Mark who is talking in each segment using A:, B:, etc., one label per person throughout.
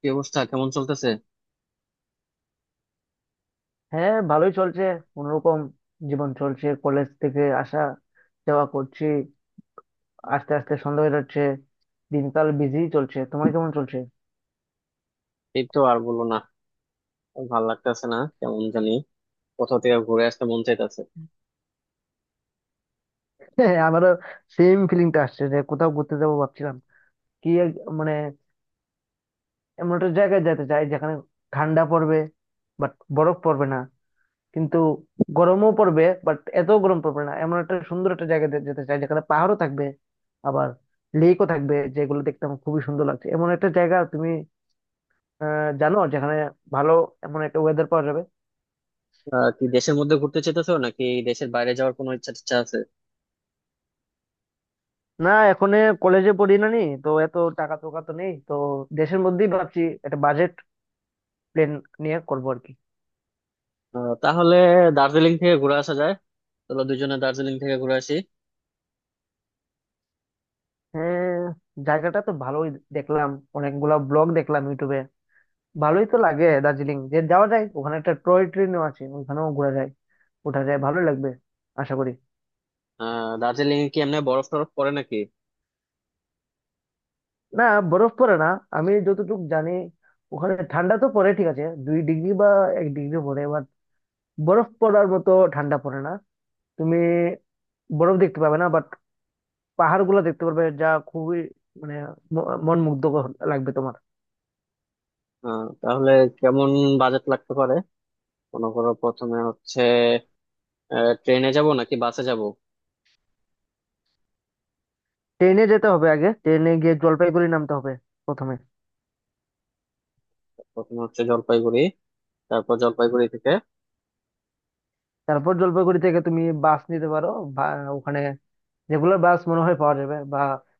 A: কি অবস্থা? কেমন চলতেছে?
B: হ্যাঁ, ভালোই চলছে। কোনোরকম জীবন চলছে, কলেজ থেকে আসা যাওয়া করছি। আস্তে আস্তে সন্ধ্যা হয়ে যাচ্ছে, দিনকাল বিজি চলছে। তোমার কেমন চলছে?
A: এই তো, আর বলো না। ভাল লাগতেছে না, কেমন জানি। কোথাও থেকে ঘুরে আসতে মন চাইতেছে।
B: হ্যাঁ, আমারও সেম ফিলিংটা আসছে, যে কোথাও ঘুরতে যাবো ভাবছিলাম। মানে এমন একটা জায়গায় যেতে চাই যেখানে ঠান্ডা পড়বে, বাট বরফ পড়বে না। কিন্তু গরমও পড়বে, বাট এত গরম পড়বে না। এমন একটা সুন্দর একটা জায়গায় যেতে চাই, যেখানে পাহাড়ও থাকবে, আবার লেকও থাকবে, যেগুলো দেখতে আমার খুবই সুন্দর লাগছে। এমন একটা জায়গা, তুমি জানো, যেখানে ভালো এমন একটা ওয়েদার পাওয়া যাবে।
A: কি দেশের মধ্যে ঘুরতে চাইতেছো নাকি দেশের বাইরে যাওয়ার কোনো ইচ্ছা টিচ্ছা আছে?
B: না, এখন কলেজে পড়ি না নি তো, এত টাকা টোকা তো নেই তো। দেশের মধ্যেই ভাবছি, একটা বাজেট প্ল্যান নিয়ে করবো আর কি।
A: তাহলে দার্জিলিং থেকে ঘুরে আসা যায়। চলো দুজনে দার্জিলিং থেকে ঘুরে আসি।
B: হ্যাঁ, জায়গাটা তো ভালোই দেখলাম, অনেকগুলা ব্লগ দেখলাম ইউটিউবে। ভালোই তো লাগে দার্জিলিং, যে যাওয়া যায়। ওখানে একটা টয় ট্রেনও আছে, ওখানেও ঘোরা যায়, ওঠা যায়। ভালো লাগবে আশা করি।
A: দার্জিলিং এ কি এমনি বরফ টরফ পড়ে নাকি?
B: না, বরফ পড়ে না, আমি যতটুকু জানি। ওখানে ঠান্ডা তো পড়ে ঠিক আছে, 2 ডিগ্রি বা 1 ডিগ্রি পড়ে এবার, বরফ পড়ার মতো ঠান্ডা পড়ে না। তুমি বরফ দেখতে পাবে না, বাট পাহাড় গুলো দেখতে পারবে, যা খুবই, মানে, মন মুগ্ধ লাগবে তোমার।
A: তাহলে কেমন বাজেট লাগতে পারে? মনে করো, প্রথমে হচ্ছে ট্রেনে যাব নাকি বাসে যাব?
B: ট্রেনে যেতে হবে। আগে ট্রেনে গিয়ে জলপাইগুড়ি নামতে হবে প্রথমে।
A: প্রথমে হচ্ছে জলপাইগুড়ি, তারপর জলপাইগুড়ি থেকে।
B: তারপর জলপাইগুড়ি থেকে তুমি বাস নিতে পারো, বা ওখানে রেগুলার বাস মনে হয় পাওয়া যাবে। বা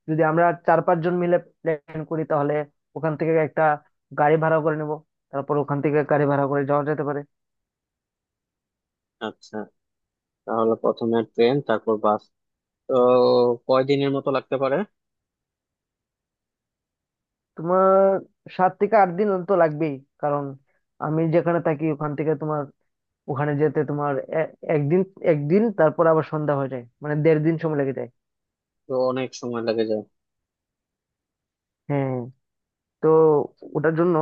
B: যদি আমরা চার পাঁচ জন মিলে প্ল্যান করি, তাহলে ওখান থেকে একটা গাড়ি ভাড়া করে নেব। তারপর ওখান থেকে গাড়ি ভাড়া করে যাওয়া যেতে পারে।
A: আচ্ছা, তাহলে প্রথমে ট্রেন, তারপর বাস। তো কয়দিনের মতো লাগতে পারে?
B: তোমার 7 থেকে 8 দিন তো লাগবেই, কারণ আমি যেখানে থাকি ওখান থেকে তোমার ওখানে যেতে তোমার এ- একদিন, একদিন, তারপর আবার সন্ধ্যা হয়ে যায়, মানে 1.5 দিন সময় লেগে যায়।
A: তো অনেক সময় লেগে যায়।
B: হ্যাঁ, তো ওটার জন্য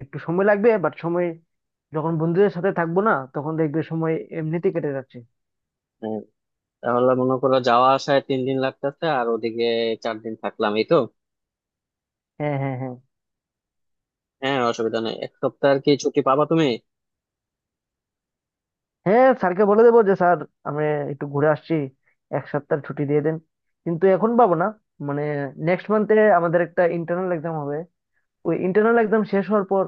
B: একটু সময় লাগবে, বাট সময়, যখন বন্ধুদের সাথে থাকবো না, তখন দেখবে সময় এমনিতে কেটে যাচ্ছে।
A: হ্যাঁ, তাহলে মনে করো যাওয়া আসায় 3 দিন লাগতেছে, আর ওদিকে 4 দিন থাকলাম, এই তো।
B: হ্যাঁ হ্যাঁ হ্যাঁ
A: হ্যাঁ, অসুবিধা নেই, এক সপ্তাহ আর কি। ছুটি পাবা তুমি?
B: হ্যাঁ স্যারকে বলে দেবো যে স্যার, আমরা একটু ঘুরে আসছি, 1 সপ্তাহ ছুটি দিয়ে দেন। কিন্তু এখন পাবো না, মানে নেক্সট মান্থে আমাদের একটা ইন্টারনাল এক্সাম হবে। ওই ইন্টারনাল এক্সাম শেষ হওয়ার পর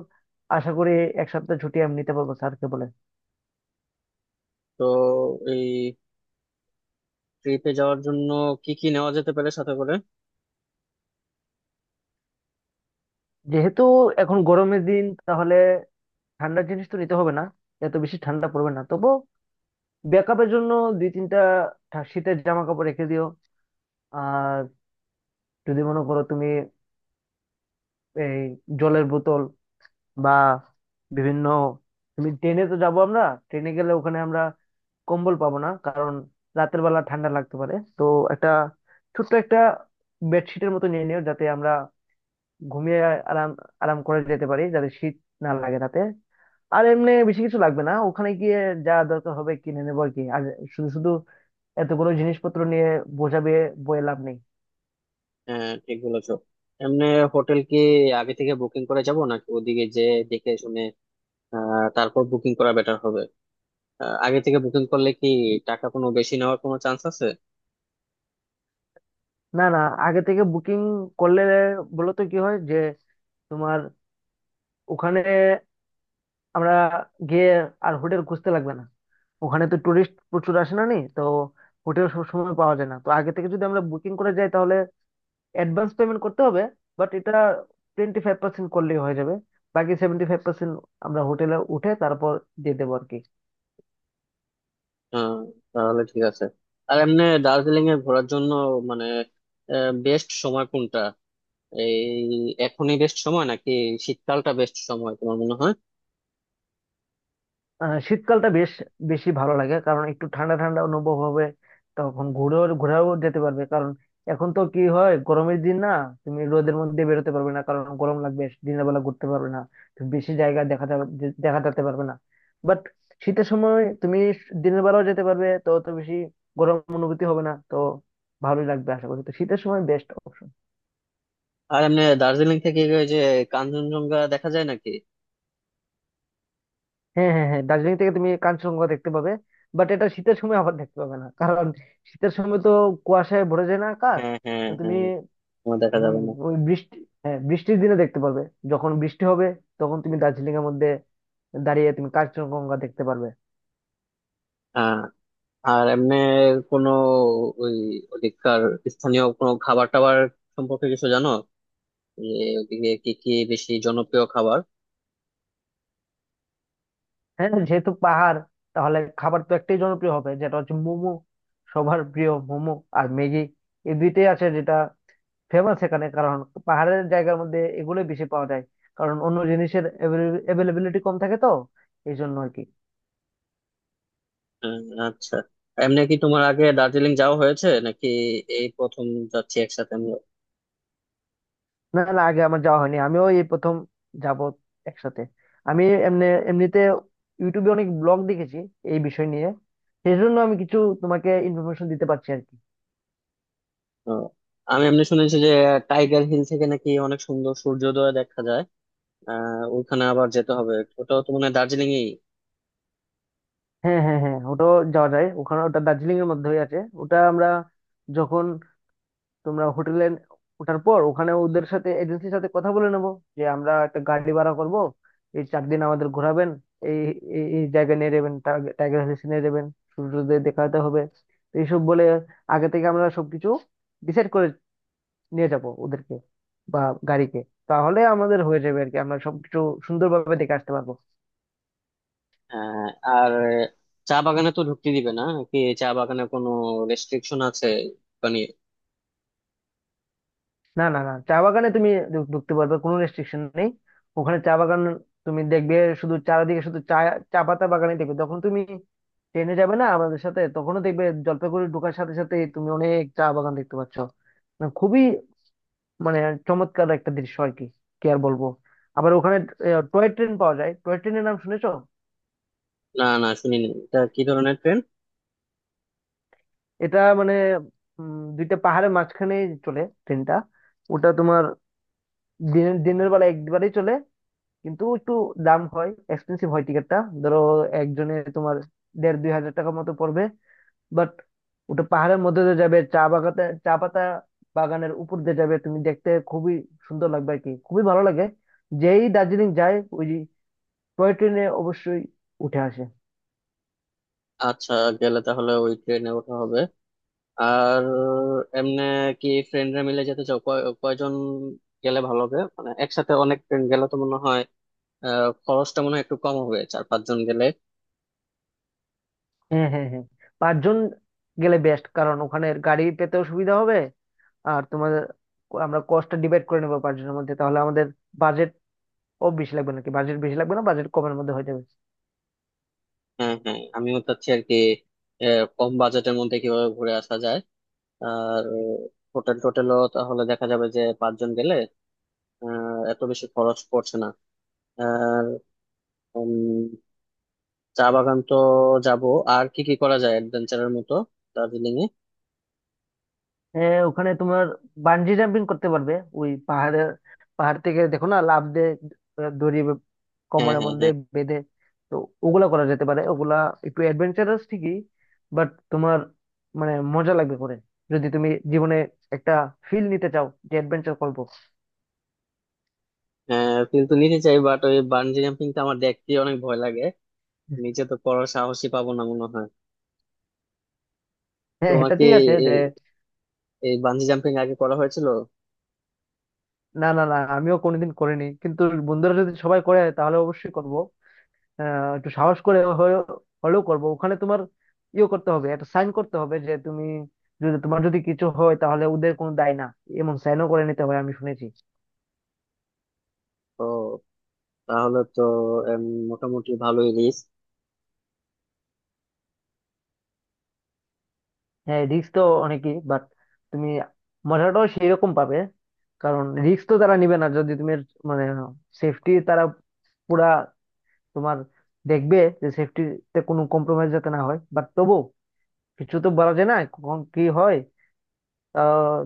B: আশা করি 1 সপ্তাহ ছুটি আমি নিতে পারবো স্যারকে বলে।
A: তো এই ট্রিপে যাওয়ার জন্য কি কি নেওয়া যেতে পারে সাথে করে?
B: যেহেতু এখন গরমের দিন, তাহলে ঠান্ডার জিনিস তো নিতে হবে না, এত বেশি ঠান্ডা পড়বে না। তবু ব্যাকআপের জন্য দুই তিনটা শীতের জামা কাপড় রেখে দিও। আর যদি মনে করো তুমি এই জলের বোতল বা বিভিন্ন, তুমি ট্রেনে তো যাবো আমরা। ট্রেনে গেলে ওখানে আমরা কম্বল পাবো না, কারণ রাতের বেলা ঠান্ডা লাগতে পারে। তো একটা ছোট্ট একটা বেডশিটের মতো নিয়ে নিও, যাতে আমরা ঘুমিয়ে আরাম আরাম করে যেতে পারি, যাতে শীত না লাগে রাতে। আর এমনি বেশি কিছু লাগবে না, ওখানে গিয়ে যা দরকার হবে কিনে নেবো আর কি। আর শুধু শুধু এতগুলো জিনিসপত্র নিয়ে বোঝাবে বয়ে লাভ নেই।
A: হ্যাঁ, ঠিক বলেছো। এমনি হোটেল কি আগে থেকে বুকিং করে যাব নাকি ওদিকে যে দেখে শুনে তারপর বুকিং করা বেটার হবে? আগে থেকে বুকিং করলে কি টাকা কোনো বেশি নেওয়ার কোনো চান্স আছে?
B: না না, আগে থেকে বুকিং করলে বলতো কি হয়, যে তোমার ওখানে আমরা গিয়ে আর হোটেল খুঁজতে লাগবে না। ওখানে তো টুরিস্ট প্রচুর আসে না নি তো, হোটেল সবসময় পাওয়া যায় না। তো আগে থেকে যদি আমরা বুকিং করে যাই, তাহলে অ্যাডভান্স পেমেন্ট করতে হবে, বাট এটা 25% করলেই হয়ে যাবে। বাকি 75% আমরা হোটেলে উঠে তারপর দিয়ে দেবো আর কি।
A: হ্যাঁ, তাহলে ঠিক আছে। আর এমনি দার্জিলিং এ ঘোরার জন্য মানে বেস্ট সময় কোনটা? এই এখনই বেস্ট সময় নাকি শীতকালটা বেস্ট সময় তোমার মনে হয়?
B: আহ, শীতকালটা বেশ বেশি ভালো লাগে, কারণ একটু ঠান্ডা ঠান্ডা অনুভব হবে। তখন ঘুরেও ঘোরাও যেতে পারবে, কারণ এখন তো কি হয়, গরমের দিন না, তুমি রোদের মধ্যে বেরোতে পারবে না, কারণ গরম লাগবে। দিনের বেলা ঘুরতে পারবে না তুমি, বেশি জায়গা দেখা যেতে পারবে না। বাট শীতের সময় তুমি দিনের বেলাও যেতে পারবে, তো অত বেশি গরম অনুভূতি হবে না। তো ভালোই লাগবে আশা করি, তো শীতের সময় বেস্ট অপশন।
A: আর এমনি দার্জিলিং থেকে ওই যে কাঞ্চনজঙ্ঘা দেখা যায় নাকি?
B: হ্যাঁ হ্যাঁ হ্যাঁ দার্জিলিং থেকে তুমি কাঞ্চনজঙ্ঘা দেখতে পাবে। বাট এটা শীতের সময় আবার দেখতে পাবে না, কারণ শীতের সময় তো কুয়াশায় ভরে যায় না আকাশ।
A: হ্যাঁ, হ্যাঁ,
B: তো তুমি
A: হ্যাঁ, তোমার দেখা
B: হম,
A: যাবে না।
B: ওই বৃষ্টি, হ্যাঁ, বৃষ্টির দিনে দেখতে পাবে। যখন বৃষ্টি হবে, তখন তুমি দার্জিলিং এর মধ্যে দাঁড়িয়ে তুমি কাঞ্চনজঙ্ঘা দেখতে পারবে।
A: হ্যাঁ। আর এমনি কোনো ওই ওদিককার স্থানীয় কোনো খাবার টাবার সম্পর্কে কিছু জানো, যে ওদিকে কি কি বেশি জনপ্রিয় খাবার?
B: হ্যাঁ, যেহেতু পাহাড়, তাহলে খাবার তো একটাই জনপ্রিয় হবে, যেটা হচ্ছে মোমো। সবার প্রিয় মোমো আর ম্যাগি, এই দুইটাই আছে যেটা ফেমাস এখানে। কারণ পাহাড়ের জায়গার মধ্যে এগুলোই বেশি পাওয়া যায়, কারণ অন্য জিনিসের অ্যাভেলেবিলিটি কম থাকে তো, এই জন্য আর কি।
A: আহ, আচ্ছা, এমনি কি তোমার আগে দার্জিলিং যাওয়া হয়েছে নাকি? এই প্রথম যাচ্ছি একসাথে আমরা।
B: না না, আগে আমার যাওয়া হয়নি, আমিও এই প্রথম যাব একসাথে। আমি এমনি এমনিতে ইউটিউবে অনেক ব্লগ দেখেছি এই বিষয় নিয়ে। সেই জন্য আমি কিছু তোমাকে ইনফরমেশন দিতে পারছি আর কি।
A: আহ, আমি এমনি শুনেছি যে টাইগার হিল থেকে নাকি অনেক সুন্দর সূর্যোদয় দেখা যায়। ওইখানে আবার যেতে হবে। ওটাও তো মানে দার্জিলিং এই।
B: হ্যাঁ হ্যাঁ হ্যাঁ ওটাও যাওয়া যায়। ওখানে ওটা দার্জিলিং এর মধ্যেই আছে। ওটা আমরা, যখন তোমরা হোটেলে ওঠার পর, ওখানে ওদের সাথে এজেন্সির সাথে কথা বলে নেবো যে আমরা একটা গাড়ি ভাড়া করব এই 4 দিন। আমাদের ঘোরাবেন এই এই এই জায়গায় নিয়ে যাবেন, টাইগার হিলস নিয়ে যাবেন, সূর্যোদয় দেখাতে হবে। তো এইসব বলে আগে থেকে আমরা সবকিছু ডিসাইড করে নিয়ে যাব ওদেরকে বা গাড়িকে। তাহলে আমাদের হয়ে যাবে আর কি, আমরা সবকিছু সুন্দরভাবে দেখে আসতে পারবো।
A: আর চা বাগানে তো ঢুকতে দিবে না নাকি? চা বাগানে কোনো রেস্ট্রিকশন আছে মানে?
B: না না না, চা বাগানে তুমি ঢুকতে পারবে, কোনো রেস্ট্রিকশন নেই। ওখানে চা বাগান তুমি দেখবে, শুধু চারিদিকে শুধু চা চা পাতা বাগানে দেখবে। যখন তুমি ট্রেনে যাবে না আমাদের সাথে, তখনও দেখবে জলপাইগুড়ি ঢোকার সাথে সাথে তুমি অনেক চা বাগান দেখতে পাচ্ছ। মানে খুবই, মানে, চমৎকার একটা দৃশ্য আর কি, কি আর বলবো। আবার ওখানে টয় ট্রেন পাওয়া যায়, টয় ট্রেনের নাম শুনেছো?
A: না, না, শুনিনি, এটা কি ধরনের ট্রেন?
B: এটা মানে, দুইটা পাহাড়ের মাঝখানে চলে ট্রেনটা। ওটা তোমার দিনের দিনের বেলা একবারেই চলে, কিন্তু একটু দাম হয়, এক্সপেন্সিভ হয় টিকিটটা। ধরো, একজনে তোমার দেড় দুই হাজার টাকার মতো পড়বে। বাট ওটা পাহাড়ের মধ্যে দিয়ে যাবে, চা বাগাতে চা পাতা বাগানের উপর দিয়ে যাবে, তুমি দেখতে খুবই সুন্দর লাগবে আর কি, খুবই ভালো লাগে। যেই দার্জিলিং যায়, ওই টয় ট্রেনে অবশ্যই উঠে আসে।
A: আচ্ছা, গেলে তাহলে ওই ট্রেনে ওঠা হবে। আর এমনি কি ফ্রেন্ডরা মিলে যেতে চাও? কয়জন গেলে ভালো হবে, মানে একসাথে অনেক ফ্রেন্ড গেলে তো মনে হয় খরচটা মনে হয় একটু কম হবে চার পাঁচজন গেলে।
B: হ্যাঁ হ্যাঁ হ্যাঁ পাঁচজন গেলে বেস্ট, কারণ ওখানে গাড়ি পেতেও সুবিধা হবে। আর তোমার আমরা কস্টটা ডিভাইড করে নেবো পাঁচজনের মধ্যে, তাহলে আমাদের বাজেট ও বেশি লাগবে নাকি, বাজেট বেশি লাগবে না, বাজেট কমের মধ্যে হয়ে যাবে।
A: হ্যাঁ, হ্যাঁ, আমিও চাচ্ছি আর কি। কম বাজেটের মধ্যে কিভাবে ঘুরে আসা যায়। আর হোটেল টোটেলও তাহলে দেখা যাবে যে পাঁচজন গেলে এত বেশি খরচ পড়ছে না। আর উম, চা বাগান তো যাব। আর কি কি করা যায় অ্যাডভেঞ্চারের মতো দার্জিলিং এ?
B: হ্যাঁ, ওখানে তোমার বানজি জাম্পিং করতে পারবে, ওই পাহাড় থেকে, দেখো না, লাফ দিয়ে, আহ, দড়ি
A: হ্যাঁ,
B: কোমরের
A: হ্যাঁ,
B: মধ্যে
A: হ্যাঁ,
B: বেঁধে। তো ওগুলা করা যেতে পারে, ওগুলা একটু অ্যাডভেঞ্চারাস ঠিকই, বাট তোমার মানে মজা লাগবে করে, যদি তুমি জীবনে একটা ফিল নিতে চাও যে অ্যাডভেঞ্চার করবো।
A: হ্যাঁ, কিন্তু নিতে চাই বাট ওই বানজি জাম্পিং টা আমার দেখতে অনেক ভয় লাগে। নিচে তো করার সাহসই পাবো না মনে হয়।
B: হ্যাঁ, এটা
A: তোমাকে
B: ঠিক আছে যে
A: এ- এই বানজি জাম্পিং আগে করা হয়েছিল?
B: না না না, আমিও কোনোদিন করিনি, কিন্তু বন্ধুরা যদি সবাই করে তাহলে অবশ্যই করব। আহ, একটু সাহস করে হলেও করব। ওখানে তোমার ইয়ে করতে হবে, একটা সাইন করতে হবে যে তুমি, যদি তোমার যদি কিছু হয় তাহলে ওদের কোনো দায় না, এমন সাইনও করে নিতে হয়, আমি শুনেছি।
A: তো তাহলে তো এম, মোটামুটি ভালোই রিস্ক।
B: হ্যাঁ, রিস্ক তো অনেকই, বাট তুমি মজাটাও সেই রকম পাবে। কারণ রিস্ক তো তারা নিবে না, যদি তুমি, মানে, সেফটি তারা পুরা তোমার দেখবে, যে সেফটিতে কোনো কম্প্রোমাইজ যাতে না হয়, বাট তবু কিছু তো বলা যায় না, কখন কি হয়। আহ,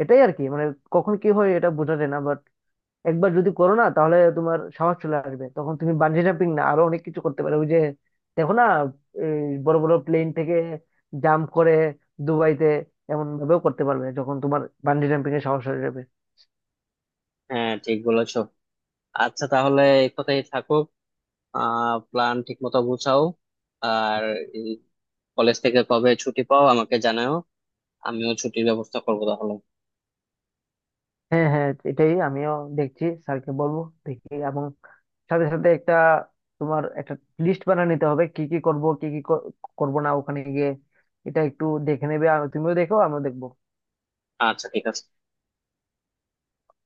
B: এটাই আর কি, মানে, কখন কি হয় এটা বোঝা যায় না। একবার যদি করো না, তাহলে তোমার সাহস চলে আসবে, তখন তুমি বানজি জাম্পিং না, আরো অনেক কিছু করতে পারো। ওই যে, দেখো না, এই বড় বড় প্লেন থেকে জাম্প করে দুবাইতে, এমন ভাবেও করতে পারবে, যখন তোমার বানজি জাম্পিং এর সাহস হয়ে যাবে।
A: হ্যাঁ, ঠিক বলেছো। আচ্ছা, তাহলে এই কথাই থাকুক। প্ল্যান ঠিক মতো গুছাও। আর কলেজ থেকে কবে ছুটি পাও আমাকে জানাও। আমিও ছুটির ব্যবস্থা করবো তাহলে।
B: হ্যাঁ হ্যাঁ এটাই আমিও দেখছি, স্যারকে বলবো দেখি, এবং সাথে সাথে একটা তোমার একটা লিস্ট বানিয়ে নিতে হবে, কি কি করব, কি কি করব না ওখানে গিয়ে। এটা একটু দেখে নেবে, আর তুমিও দেখো, আমিও দেখবো।
A: আচ্ছা, ঠিক আছে।